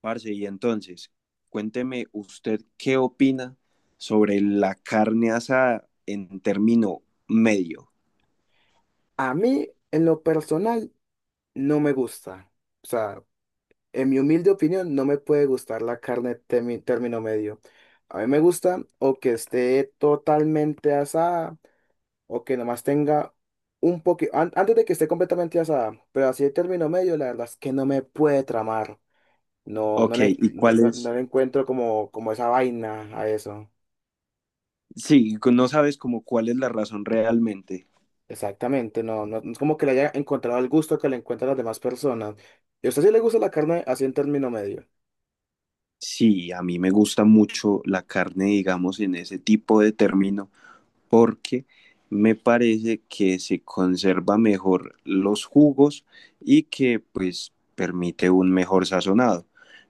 Parce, y entonces, cuénteme usted qué opina sobre la carne asada en término medio. A mí, en lo personal, no me gusta. O sea, en mi humilde opinión, no me puede gustar la carne término medio. A mí me gusta o que esté totalmente asada o que nomás tenga un poquito, antes de que esté completamente asada, pero así de término medio, la verdad es que no me puede tramar. No, Ok, ¿y cuál no es? le encuentro como, como esa vaina a eso. Sí, no sabes como cuál es la razón realmente. Exactamente, no es como que le haya encontrado el gusto que le encuentran las demás personas. ¿Y a usted sí le gusta la carne así en término medio? Sí, a mí me gusta mucho la carne, digamos, en ese tipo de término, porque me parece que se conserva mejor los jugos y que pues permite un mejor sazonado.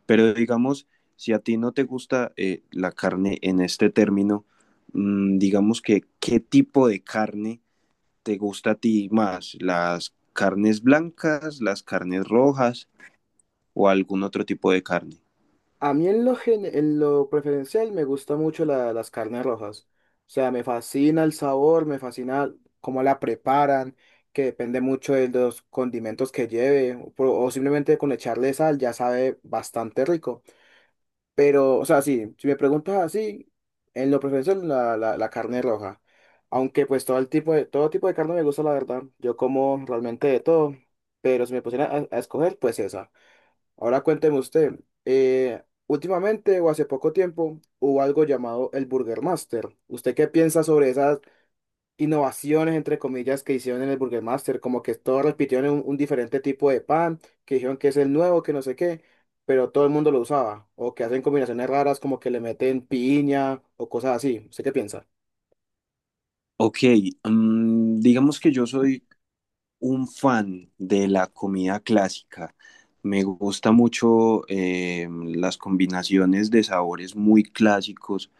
Pero digamos, si a ti no te gusta la carne en este término, digamos que qué tipo de carne te gusta a ti más, las carnes blancas, las carnes rojas o algún otro tipo de carne. A mí en lo preferencial me gusta mucho las carnes rojas. O sea, me fascina el sabor, me fascina cómo la preparan, que depende mucho de los condimentos que lleve, o simplemente con echarle sal ya sabe bastante rico. Pero, o sea, sí, si me preguntas así, en lo preferencial la carne roja. Aunque pues todo tipo de carne me gusta, la verdad. Yo como realmente de todo, pero si me pusiera a escoger, pues esa. Ahora cuénteme usted, últimamente o hace poco tiempo hubo algo llamado el Burger Master. ¿Usted qué piensa sobre esas innovaciones, entre comillas, que hicieron en el Burger Master? Como que todos repitieron un diferente tipo de pan, que dijeron que es el nuevo, que no sé qué, pero todo el mundo lo usaba. O que hacen combinaciones raras, como que le meten piña o cosas así. ¿Usted qué piensa? Ok, digamos que yo soy un fan de la comida clásica. Me gusta mucho las combinaciones de sabores muy clásicos,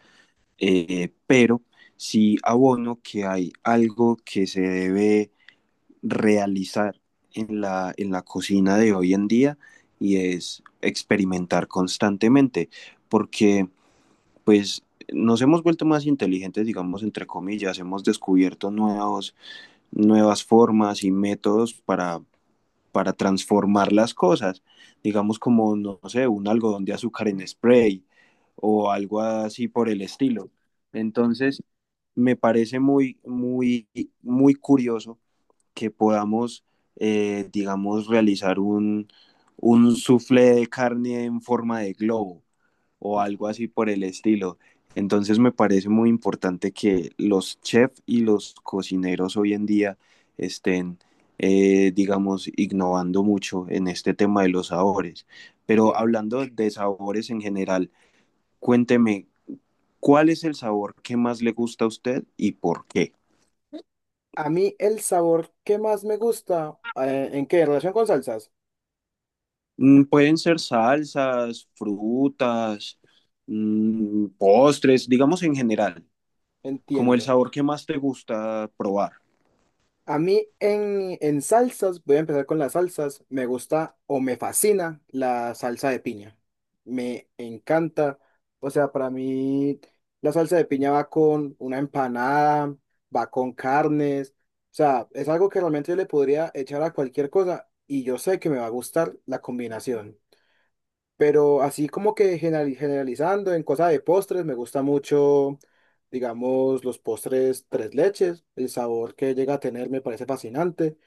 pero sí abono que hay algo que se debe realizar en en la cocina de hoy en día y es experimentar constantemente, porque pues nos hemos vuelto más inteligentes, digamos, entre comillas, hemos descubierto nuevos, nuevas formas y métodos para transformar las cosas, digamos como, no sé, un algodón de azúcar en spray o algo así por el estilo. Entonces, me parece muy, muy, muy curioso que podamos, digamos, realizar un soufflé de carne en forma de globo o algo así por el estilo. Entonces me parece muy importante que los chefs y los cocineros hoy en día estén, digamos, innovando mucho en este tema de los sabores. Pero Entiendo. hablando de sabores en general, cuénteme, ¿cuál es el sabor que más le gusta a usted y por qué? A mí el sabor que más me gusta, ¿en qué? ¿En relación con salsas? Mm, pueden ser salsas, frutas, mm, postres, digamos en general, como el Entiendo. sabor que más te gusta probar. A mí en salsas, voy a empezar con las salsas, me gusta o me fascina la salsa de piña. Me encanta. O sea, para mí la salsa de piña va con una empanada, va con carnes. O sea, es algo que realmente yo le podría echar a cualquier cosa y yo sé que me va a gustar la combinación. Pero así como que generalizando en cosas de postres, me gusta mucho, digamos, los postres tres leches. El sabor que llega a tener me parece fascinante.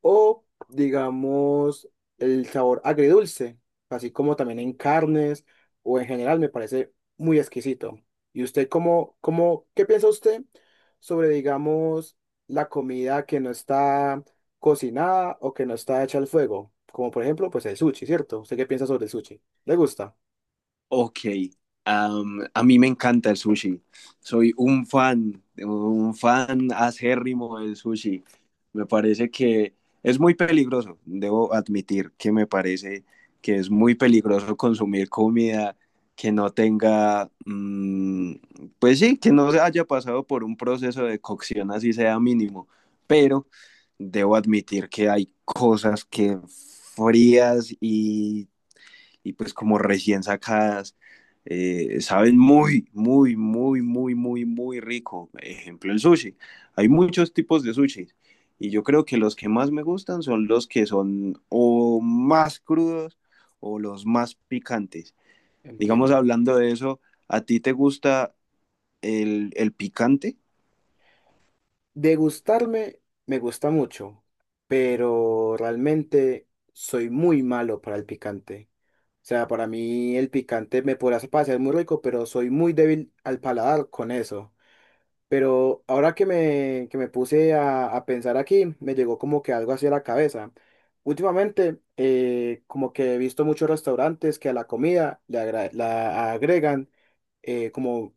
O, digamos, el sabor agridulce, así como también en carnes o en general, me parece muy exquisito. ¿Y usted qué piensa usted sobre, digamos, la comida que no está cocinada o que no está hecha al fuego? Como por ejemplo, pues el sushi, ¿cierto? ¿Usted qué piensa sobre el sushi? ¿Le gusta? Ok, a mí me encanta el sushi. Soy un fan acérrimo del sushi. Me parece que es muy peligroso, debo admitir que me parece que es muy peligroso consumir comida que no tenga, pues sí, que no se haya pasado por un proceso de cocción así sea mínimo. Pero debo admitir que hay cosas que frías y pues como recién sacadas, saben muy, muy, muy, muy, muy, muy rico. Ejemplo, el sushi. Hay muchos tipos de sushi y yo creo que los que más me gustan son los que son o más crudos o los más picantes. Digamos, Entiendo. hablando de eso, ¿a ti te gusta el picante? Degustarme me gusta mucho, pero realmente soy muy malo para el picante. O sea, para mí el picante me podrá parecer muy rico, pero soy muy débil al paladar con eso. Pero ahora que me puse a pensar aquí, me llegó como que algo hacia la cabeza. Últimamente, como que he visto muchos restaurantes que a la comida la agregan como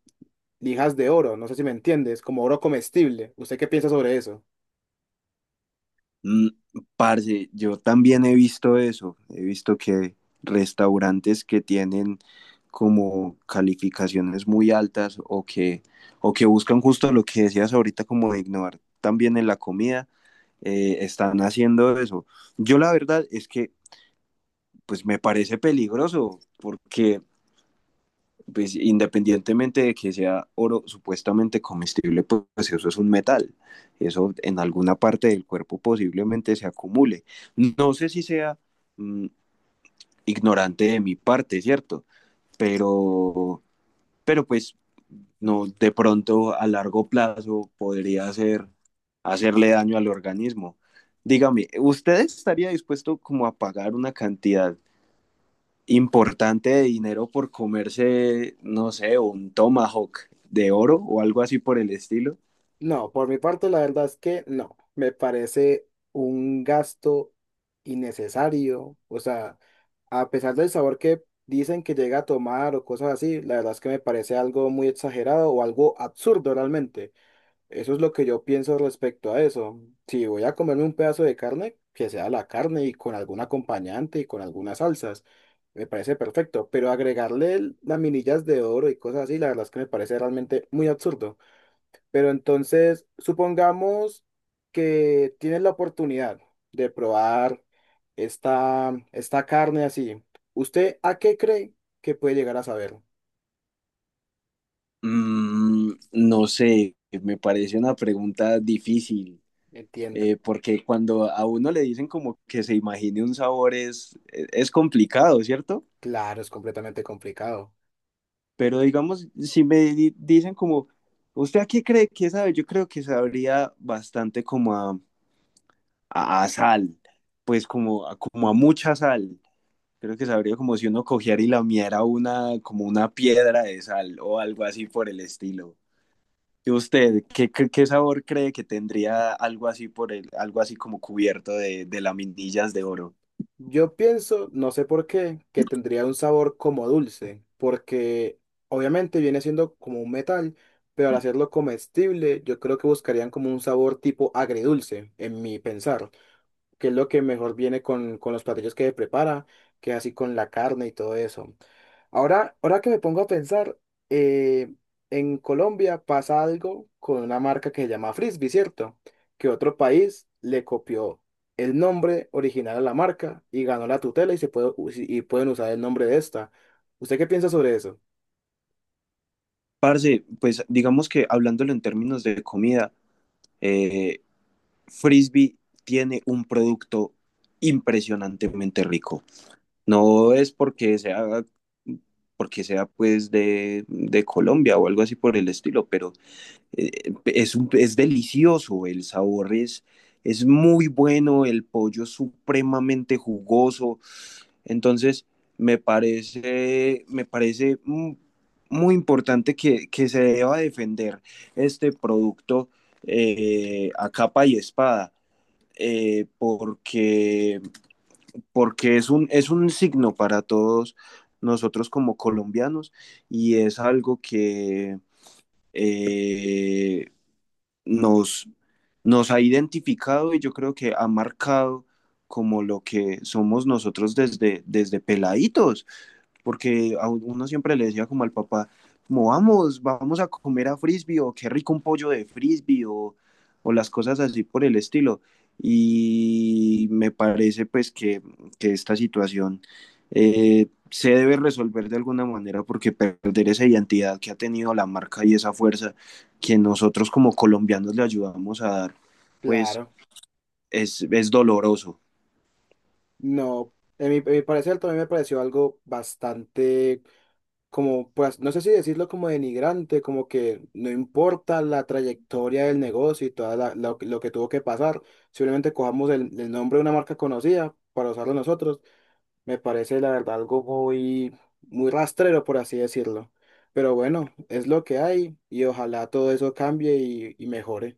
lijas de oro, no sé si me entiendes, como oro comestible. ¿Usted qué piensa sobre eso? Mm, parce, yo también he visto eso, he visto que restaurantes que tienen como calificaciones muy altas o que buscan justo lo que decías ahorita, como de innovar también en la comida, están haciendo eso. Yo la verdad es que pues me parece peligroso porque pues independientemente de que sea oro supuestamente comestible, pues eso es un metal. Eso en alguna parte del cuerpo posiblemente se acumule. No sé si sea mm, ignorante de mi parte, ¿cierto? Pero, pero pues no, de pronto a largo plazo podría hacer, hacerle daño al organismo. Dígame, ¿usted estaría dispuesto como a pagar una cantidad importante de dinero por comerse, no sé, un tomahawk de oro o algo así por el estilo? No, por mi parte, la verdad es que no. Me parece un gasto innecesario. O sea... A pesar del sabor que dicen que llega a tomar o cosas así, la verdad es que me parece algo muy exagerado o algo absurdo realmente. Eso es lo que yo pienso respecto a eso. Si voy a comerme un pedazo de carne, que sea la carne y con algún acompañante y con algunas salsas, me parece perfecto. Pero agregarle laminillas de oro y cosas así, la verdad es que me parece realmente muy absurdo. Pero entonces, supongamos que tienes la oportunidad de probar esta carne así. ¿Usted a qué cree que puede llegar a saber? Mm, no sé, me parece una pregunta difícil, Entiendo. Porque cuando a uno le dicen como que se imagine un sabor es complicado, ¿cierto? Claro, es completamente complicado. Pero digamos, si me di- dicen como, ¿usted a qué cree que sabe? Yo creo que sabría bastante como a, a sal, pues como, como a mucha sal. Creo que sabría como si uno cogiera y lamiera una, como una piedra de sal o algo así por el estilo. ¿Y usted qué, qué, qué sabor cree que tendría algo así por el, algo así como cubierto de laminillas de oro? Yo pienso, no sé por qué, que tendría un sabor como dulce, porque obviamente viene siendo como un metal, pero al hacerlo comestible, yo creo que buscarían como un sabor tipo agridulce, en mi pensar, que es lo que mejor viene con los platillos que prepara, que así con la carne y todo eso. Ahora, ahora que me pongo a pensar, eh, en Colombia pasa algo con una marca que se llama Frisby, ¿cierto? Que otro país le copió el nombre original a la marca y ganó la tutela y, se puede, si, y pueden usar el nombre de esta. ¿Usted qué piensa sobre eso? Parce, pues digamos que hablándolo en términos de comida, eh, Frisbee tiene un producto impresionantemente rico. No es porque sea pues de Colombia o algo así por el estilo, pero es delicioso, el sabor es muy bueno, el pollo es supremamente jugoso, entonces me parece muy importante que se deba defender este producto a capa y espada, porque, porque es un signo para todos nosotros como colombianos y es algo que... eh, nos, nos ha identificado y yo creo que ha marcado como lo que somos nosotros desde, desde peladitos porque a uno siempre le decía como al papá, como vamos, vamos a comer a frisbee o qué rico un pollo de frisbee o las cosas así por el estilo. Y me parece pues que esta situación se debe resolver de alguna manera porque perder esa identidad que ha tenido la marca y esa fuerza que nosotros como colombianos le ayudamos a dar, pues Claro, es doloroso. no. En mi parecer también me pareció algo bastante como, pues, no sé si decirlo como denigrante, como que no importa la trayectoria del negocio y lo que tuvo que pasar, simplemente cojamos el nombre de una marca conocida para usarlo nosotros, me parece la verdad algo muy, muy rastrero, por así decirlo. Pero bueno, es lo que hay y ojalá todo eso cambie y mejore.